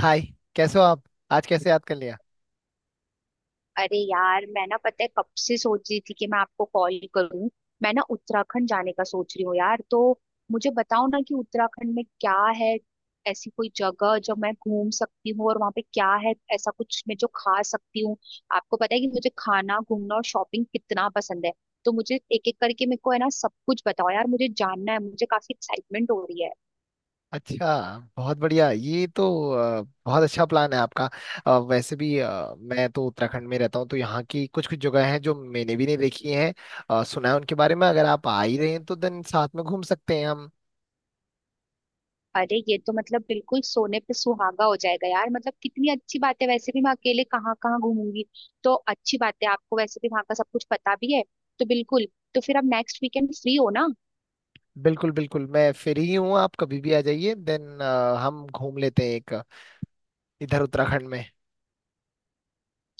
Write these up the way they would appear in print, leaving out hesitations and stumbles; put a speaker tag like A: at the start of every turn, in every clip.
A: हाय। कैसे हो आप? आज कैसे याद कर लिया?
B: अरे यार, मैं ना पता है कब से सोच रही थी कि मैं आपको कॉल करूं। मैं ना उत्तराखंड जाने का सोच रही हूँ यार। तो मुझे बताओ ना कि उत्तराखंड में क्या है। ऐसी कोई जगह जो मैं घूम सकती हूँ, और वहाँ पे क्या है ऐसा कुछ मैं जो खा सकती हूँ। आपको पता है कि मुझे खाना, घूमना और शॉपिंग कितना पसंद है। तो मुझे एक एक करके मेरे को है ना सब कुछ बताओ यार। मुझे जानना है, मुझे काफी एक्साइटमेंट हो रही है।
A: अच्छा। बहुत बढ़िया ये तो बहुत अच्छा प्लान है आपका। वैसे भी मैं तो उत्तराखंड में रहता हूँ, तो यहाँ की कुछ कुछ जगह हैं जो मैंने भी नहीं देखी हैं। सुना है उनके बारे में। अगर आप आ ही रहे हैं तो देन साथ में घूम सकते हैं हम।
B: अरे ये तो मतलब बिल्कुल सोने पे सुहागा हो जाएगा यार। मतलब कितनी अच्छी बात है। वैसे भी मैं अकेले कहाँ कहाँ घूमूंगी। तो अच्छी बात है, आपको वैसे भी वहां का सब कुछ पता भी है। तो बिल्कुल। तो फिर आप नेक्स्ट वीकेंड फ्री हो ना?
A: बिल्कुल बिल्कुल, मैं फ्री ही हूँ। आप कभी भी आ जाइए, देन हम घूम लेते हैं एक इधर उत्तराखंड में।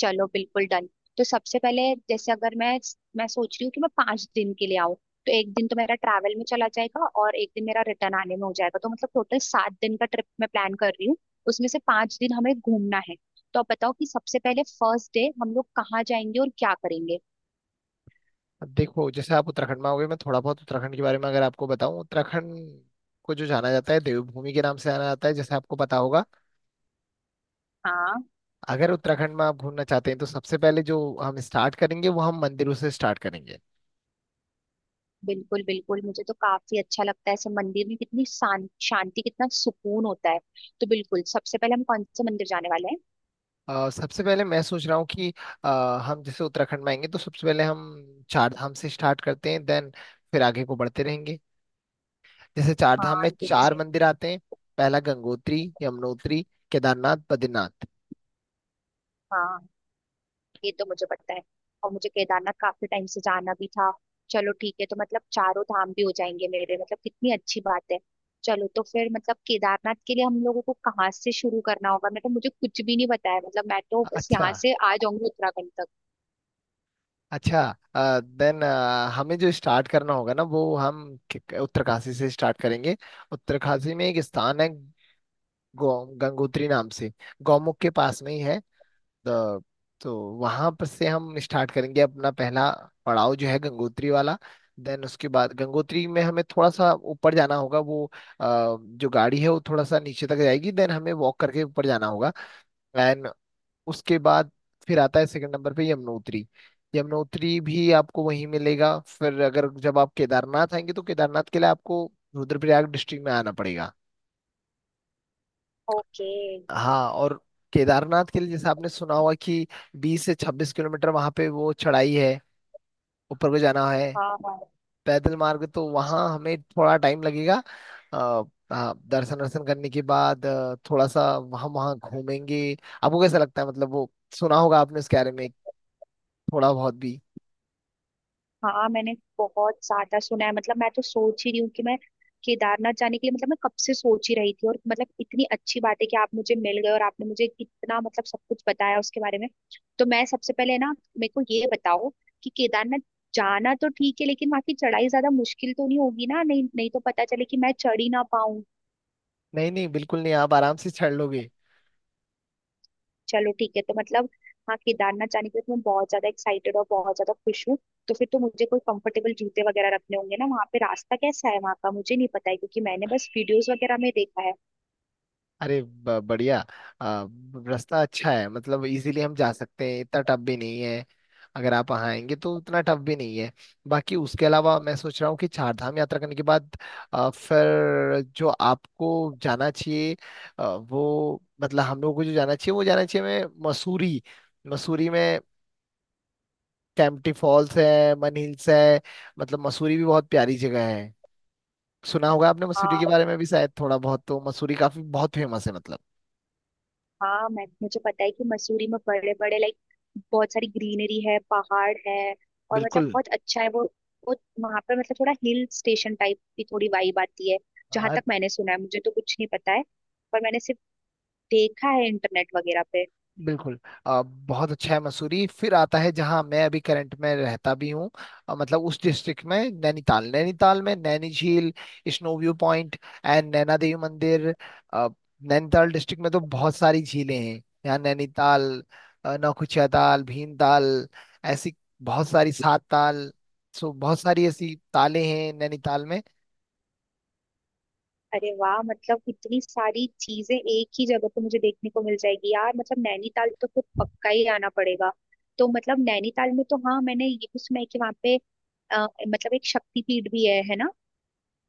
B: चलो, बिल्कुल डन। तो सबसे पहले जैसे, अगर मैं सोच रही हूँ कि मैं 5 दिन के लिए आऊँ। तो एक दिन तो मेरा ट्रैवल में चला जाएगा और एक दिन मेरा रिटर्न आने में हो जाएगा। तो मतलब टोटल 7 दिन का ट्रिप मैं प्लान कर रही हूँ। उसमें से 5 दिन हमें घूमना है। तो आप बताओ कि सबसे पहले फर्स्ट डे हम लोग कहाँ जाएंगे और क्या करेंगे।
A: देखो, जैसे आप उत्तराखंड में आओगे, मैं थोड़ा बहुत उत्तराखंड के बारे में अगर आपको बताऊं। उत्तराखंड को जो जाना जाता है, देवभूमि के नाम से जाना जाता है, जैसे आपको पता होगा।
B: हाँ,
A: अगर उत्तराखंड में आप घूमना चाहते हैं, तो सबसे पहले जो हम स्टार्ट करेंगे वो हम मंदिरों से स्टार्ट करेंगे।
B: बिल्कुल बिल्कुल मुझे तो काफी अच्छा लगता है ऐसे मंदिर में। कितनी शांति, कितना सुकून होता है। तो बिल्कुल, सबसे पहले हम कौन से मंदिर जाने वाले हैं?
A: सबसे पहले मैं सोच रहा हूँ कि अ, हम जैसे उत्तराखंड में आएंगे तो सबसे पहले हम चार धाम से स्टार्ट करते हैं, देन फिर आगे को बढ़ते रहेंगे। जैसे चार धाम
B: हाँ।
A: में
B: ये तो
A: चार
B: से
A: मंदिर आते हैं। पहला गंगोत्री, यमुनोत्री, केदारनाथ, बद्रीनाथ।
B: हाँ, ये तो मुझे पता है। और मुझे केदारनाथ काफी टाइम से जाना भी था। चलो ठीक है, तो मतलब चारों धाम भी हो जाएंगे मेरे। मतलब कितनी अच्छी बात है। चलो, तो फिर मतलब केदारनाथ के लिए हम लोगों को कहाँ से शुरू करना होगा? मैं तो, मुझे कुछ भी नहीं पता है। मतलब मैं तो बस
A: अच्छा,
B: यहाँ से आ जाऊंगी उत्तराखंड तक।
A: अच्छा। देन हमें जो स्टार्ट करना होगा ना, वो हम उत्तरकाशी से स्टार्ट करेंगे। उत्तरकाशी में एक स्थान है गंगोत्री नाम से, गौमुख के पास में ही है। तो, तो वहां पर से हम स्टार्ट करेंगे अपना पहला पड़ाव जो है गंगोत्री वाला। देन उसके बाद गंगोत्री में हमें थोड़ा सा ऊपर जाना होगा। वो जो गाड़ी है वो थोड़ा सा नीचे तक जाएगी, देन हमें वॉक करके ऊपर जाना होगा। एंड उसके बाद फिर आता है सेकंड नंबर पे यमुनोत्री। यमुनोत्री भी आपको वहीं मिलेगा। फिर अगर जब आप केदारनाथ आएंगे, तो केदारनाथ के लिए आपको रुद्रप्रयाग डिस्ट्रिक्ट में आना पड़ेगा।
B: ओके।
A: हाँ, और केदारनाथ के लिए जैसे आपने सुना होगा कि 20 से 26 किलोमीटर वहां पे वो चढ़ाई है, ऊपर को जाना है,
B: हाँ हाँ।
A: पैदल मार्ग, तो वहाँ हमें थोड़ा टाइम लगेगा। अ, हाँ, दर्शन वर्शन करने के बाद थोड़ा सा वहाँ वहाँ घूमेंगे। आपको कैसा लगता है? मतलब वो सुना होगा आपने उसके बारे में, थोड़ा बहुत भी?
B: हाँ, मैंने बहुत ज्यादा सुना है। मतलब मैं तो सोच ही रही हूँ कि मैं केदारनाथ जाने के लिए, मतलब मैं कब से सोच ही रही थी। और मतलब इतनी अच्छी बात है कि आप मुझे मिल गए, और आपने मुझे इतना मतलब सब कुछ बताया उसके बारे में। तो मैं सबसे पहले ना मेरे को ये बताओ कि केदारनाथ जाना तो ठीक है, लेकिन वहां की चढ़ाई ज्यादा मुश्किल तो नहीं होगी ना? नहीं नहीं तो पता चले कि मैं चढ़ ही ना।
A: नहीं नहीं, बिल्कुल नहीं, आप आराम से चढ़ लोगे।
B: चलो ठीक है तो मतलब, हाँ, केदारनाथ जाने के लिए तो मैं बहुत ज्यादा एक्साइटेड और बहुत ज्यादा खुश हूँ। तो फिर तो मुझे कोई कंफर्टेबल जूते वगैरह रखने होंगे ना? वहाँ पे रास्ता कैसा है वहाँ का मुझे नहीं पता है, क्योंकि मैंने बस वीडियोस वगैरह में देखा है।
A: अरे, बढ़िया। आ, रास्ता अच्छा है, मतलब इजीली हम जा सकते हैं, इतना टफ भी नहीं है। अगर आप वहाँ आएंगे तो इतना टफ भी नहीं है। बाकी उसके अलावा मैं सोच रहा हूँ कि चार धाम यात्रा करने के बाद फिर जो आपको जाना चाहिए, वो मतलब हम लोगों को जो जाना चाहिए वो जाना चाहिए, मैं मसूरी। मसूरी में कैंपटी फॉल्स है, मन हिल्स है, मतलब मसूरी भी बहुत प्यारी जगह है। सुना होगा आपने मसूरी के
B: हाँ।
A: बारे में भी, शायद थोड़ा बहुत। तो मसूरी काफी बहुत फेमस है, मतलब।
B: हाँ मैं मुझे पता है कि मसूरी में बड़े बड़े, लाइक, बहुत सारी ग्रीनरी है, पहाड़ है। और मतलब
A: बिल्कुल
B: बहुत अच्छा है वो। वो वहाँ पर मतलब थोड़ा हिल स्टेशन टाइप की थोड़ी वाइब आती है, जहां तक मैंने सुना है। मुझे तो कुछ नहीं पता है, पर मैंने सिर्फ देखा है इंटरनेट वगैरह पे।
A: बिल्कुल। बहुत अच्छा है मसूरी। फिर आता है जहाँ मैं अभी करंट में रहता भी हूँ, मतलब उस डिस्ट्रिक्ट में, नैनीताल। नैनीताल में नैनी झील, snow view point, and Naina Devi मंदिर। अ, नैनीताल डिस्ट्रिक्ट में तो बहुत सारी झीलें हैं, यहाँ नैनीताल, नौकुचिया ताल, भीमताल, ऐसी बहुत सारी, सात ताल, सो बहुत सारी ऐसी ताले हैं नैनीताल में।
B: अरे वाह! मतलब इतनी सारी चीजें एक ही जगह पे मुझे देखने को मिल जाएगी यार। मतलब नैनीताल तो फिर पक्का ही आना पड़ेगा। तो मतलब नैनीताल में तो, हाँ, मैंने ये भी सुना है कि वहाँ पे मतलब एक शक्तिपीठ भी है ना?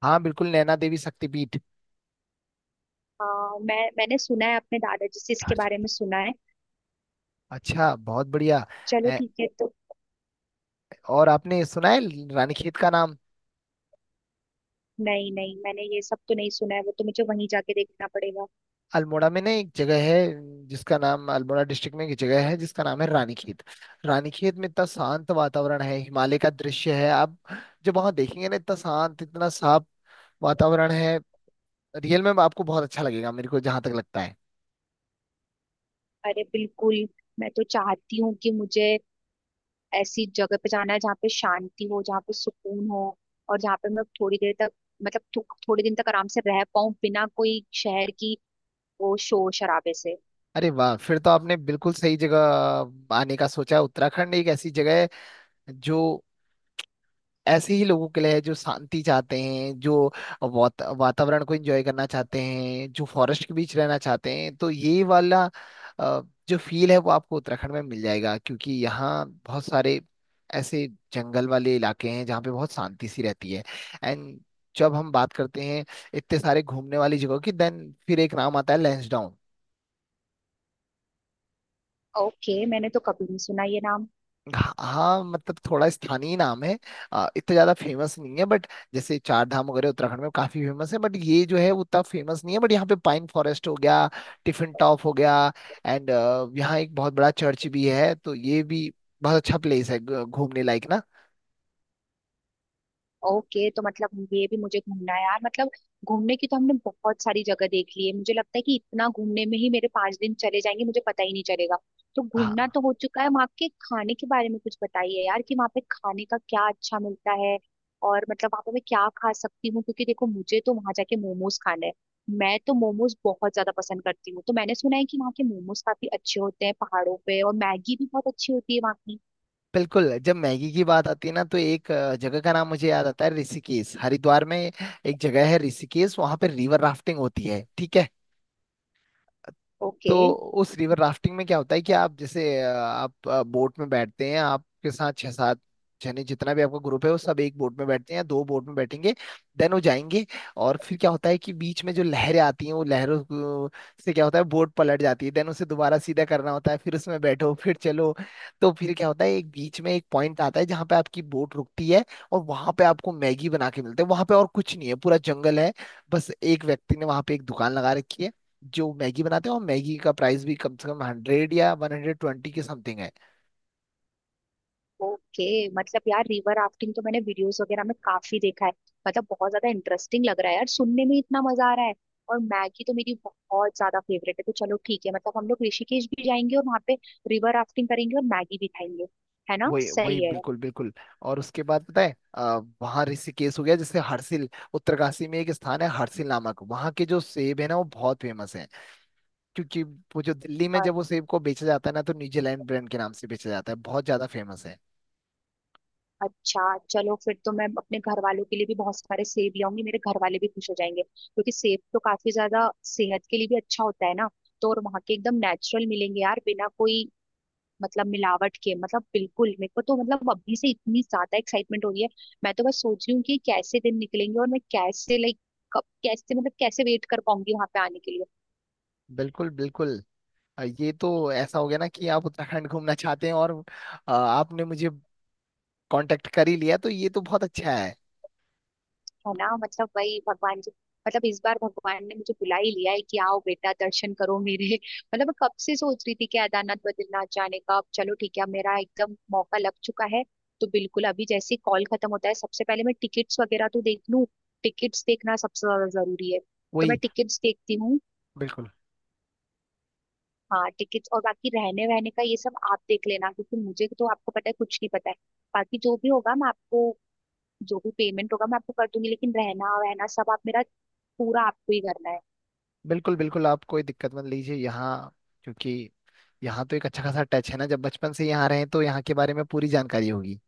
A: हाँ बिल्कुल, नैना देवी शक्तिपीठ।
B: हाँ, मैंने सुना है, अपने दादाजी से इसके बारे में सुना है।
A: अच्छा, बहुत बढ़िया।
B: चलो
A: ए,
B: ठीक है तो।
A: और आपने सुना है रानीखेत का नाम?
B: नहीं नहीं, मैंने ये सब तो नहीं सुना है, वो तो मुझे वहीं जाके देखना पड़ेगा।
A: अल्मोड़ा में ना एक जगह है जिसका नाम, अल्मोड़ा डिस्ट्रिक्ट में एक जगह है जिसका नाम है रानीखेत। रानीखेत में इतना शांत वातावरण है, हिमालय का दृश्य है। आप जब वहां देखेंगे ना, इतना शांत, इतना साफ वातावरण है, रियल में आपको बहुत अच्छा लगेगा, मेरे को जहां तक लगता है।
B: अरे, बिल्कुल। मैं तो चाहती हूँ कि मुझे ऐसी जगह पे जाना है जहाँ पे शांति हो, जहाँ पे सुकून हो। और जहाँ पे मैं थोड़ी देर तक, मतलब थोड़ी दिन तक आराम से रह पाऊँ, बिना कोई शहर की वो शोर शराबे से।
A: अरे वाह, फिर तो आपने बिल्कुल सही जगह आने का सोचा है। उत्तराखंड एक ऐसी जगह है जो ऐसे ही लोगों के लिए है, जो शांति चाहते हैं, जो वातावरण को एंजॉय करना चाहते हैं, जो फॉरेस्ट के बीच रहना चाहते हैं। तो ये वाला अ, जो फील है वो आपको उत्तराखंड में मिल जाएगा, क्योंकि यहाँ बहुत सारे ऐसे जंगल वाले इलाके हैं जहाँ पे बहुत शांति सी रहती है। एंड जब हम बात करते हैं इतने सारे घूमने वाली जगहों की, देन फिर एक नाम आता है लैंसडाउन।
B: ओके, मैंने तो कभी नहीं सुना ये नाम।
A: हाँ, मतलब थोड़ा स्थानीय नाम है, इतना ज्यादा फेमस नहीं है, बट जैसे चार धाम वगैरह उत्तराखंड में काफी फेमस है, बट ये जो है वो उतना फेमस नहीं है। बट यहाँ पे पाइन फॉरेस्ट हो गया, टिफिन टॉप हो गया, एंड यहाँ एक बहुत बड़ा चर्च भी है, तो ये भी बहुत अच्छा प्लेस है, घूमने लायक ना।
B: ओके, तो मतलब ये भी मुझे घूमना है यार। मतलब घूमने की तो हमने बहुत सारी जगह देख ली है। मुझे लगता है कि इतना घूमने में ही मेरे 5 दिन चले जाएंगे, मुझे पता ही नहीं चलेगा। तो घूमना
A: हाँ
B: तो हो चुका है, वहाँ के खाने के बारे में कुछ बताइए यार कि वहाँ पे खाने का क्या अच्छा मिलता है। और मतलब वहाँ पे मैं क्या खा सकती हूँ? क्योंकि देखो, मुझे तो वहाँ जाके मोमोज खाना है। मैं तो मोमोज बहुत ज्यादा पसंद करती हूँ। तो मैंने सुना है कि वहाँ के मोमोज काफी अच्छे होते हैं पहाड़ों पे, और मैगी भी बहुत अच्छी होती है वहाँ की।
A: बिल्कुल, जब मैगी की बात आती है ना, तो एक जगह का नाम मुझे याद आता है, ऋषिकेश। हरिद्वार में एक जगह है ऋषिकेश, वहां पे रिवर राफ्टिंग होती है, ठीक है।
B: ओके।
A: तो उस रिवर राफ्टिंग में क्या होता है कि आप जैसे आप बोट में बैठते हैं, आपके साथ छह सात जने, जितना भी आपका ग्रुप है, वो सब एक बोट में बैठते हैं, दो बोट में बैठेंगे, देन वो जाएंगे। और फिर क्या होता है कि बीच में जो लहरें आती हैं, वो से क्या होता है, बोट पलट जाती है, देन उसे दोबारा सीधा करना होता है, फिर उसमें बैठो फिर चलो। तो फिर क्या होता है, एक बीच में एक पॉइंट आता है जहाँ पे आपकी बोट रुकती है, और वहां पे आपको मैगी बना के मिलते हैं। वहां पे और कुछ नहीं है, पूरा जंगल है, बस एक व्यक्ति ने वहां पे एक दुकान लगा रखी है जो मैगी बनाते हैं। और मैगी का प्राइस भी कम से कम 100 या 120 के समथिंग है।
B: ओके, मतलब यार रिवर राफ्टिंग तो मैंने वीडियोस वगैरह में काफी देखा है। मतलब बहुत ज्यादा इंटरेस्टिंग लग रहा है यार, सुनने में इतना मजा आ रहा है। और मैगी तो मेरी बहुत ज्यादा फेवरेट है। तो चलो ठीक है, मतलब हम लोग ऋषिकेश भी जाएंगे और वहां पे रिवर राफ्टिंग करेंगे और मैगी भी खाएंगे। है ना,
A: वही वही,
B: सही है?
A: बिल्कुल बिल्कुल। और उसके बाद पता है वहाँ ऋषिकेश हो गया, जैसे हरसिल, उत्तरकाशी में एक स्थान है हरसिल नामक, वहाँ के जो सेब है ना वो बहुत फेमस है। क्योंकि वो जो दिल्ली में जब
B: और,
A: वो सेब को बेचा जाता है ना, तो न्यूजीलैंड ब्रांड के नाम से बेचा जाता है, बहुत ज्यादा फेमस है।
B: अच्छा, चलो फिर तो मैं अपने घर वालों के लिए भी बहुत सारे सेब लाऊंगी, मेरे घर वाले भी खुश हो जाएंगे। क्योंकि सेब तो काफी ज्यादा सेहत के लिए भी अच्छा होता है ना। तो और वहां के एकदम नेचुरल मिलेंगे यार, बिना कोई मतलब मिलावट के। मतलब बिल्कुल, मेरे को तो मतलब अभी से इतनी ज्यादा एक्साइटमेंट हो रही है। मैं तो बस सोच रही हूँ कि कैसे दिन निकलेंगे, और मैं कैसे, लाइक, कब कैसे, मतलब कैसे वेट कर पाऊंगी वहां पे आने के लिए।
A: बिल्कुल बिल्कुल। ये तो ऐसा हो गया ना कि आप उत्तराखंड घूमना चाहते हैं, और आपने मुझे कांटेक्ट कर ही लिया, तो ये तो बहुत अच्छा है।
B: है ना? मतलब वही भगवान जी। मतलब इस बार भगवान ने मुझे बुला ही लिया है कि आओ बेटा दर्शन करो मेरे। मतलब मैं कब से सोच रही थी कि केदारनाथ बद्रीनाथ जाने का, अब चलो ठीक है, अब मेरा एकदम मौका लग चुका है। तो बिल्कुल, अभी जैसे कॉल खत्म होता है सबसे पहले मैं टिकट्स वगैरह तो देख लूं। टिकट्स देखना सबसे ज्यादा जरूरी है। तो मैं
A: वही।
B: टिकट्स देखती हूँ।
A: बिल्कुल
B: हाँ, टिकट्स और बाकी रहने वहने का ये सब आप देख लेना, क्योंकि मुझे तो, आपको पता है, कुछ नहीं पता है। बाकी जो भी होगा मैं आपको, जो भी पेमेंट होगा मैं आपको कर दूंगी, लेकिन रहना वहना सब आप, मेरा पूरा आपको ही करना है।
A: बिल्कुल, बिल्कुल आप कोई दिक्कत मत लीजिए यहाँ, क्योंकि यहाँ तो एक अच्छा खासा टच है ना, जब बचपन से यहाँ रहे हैं तो यहाँ के बारे में पूरी जानकारी होगी।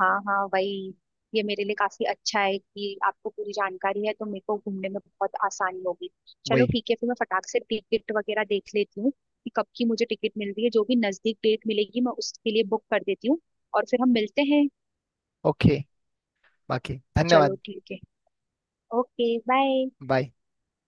B: हाँ हाँ, वही। ये मेरे लिए काफी अच्छा है कि आपको पूरी जानकारी है, तो मेरे को घूमने में बहुत आसानी होगी। चलो
A: वही।
B: ठीक है, फिर मैं फटाक से टिकट वगैरह देख लेती हूँ कि कब की मुझे टिकट मिल रही है। जो भी नजदीक डेट मिलेगी मैं उसके लिए बुक कर देती हूँ, और फिर हम मिलते हैं।
A: ओके, बाकी
B: चलो
A: धन्यवाद।
B: ठीक है। Okay, bye.
A: बाय।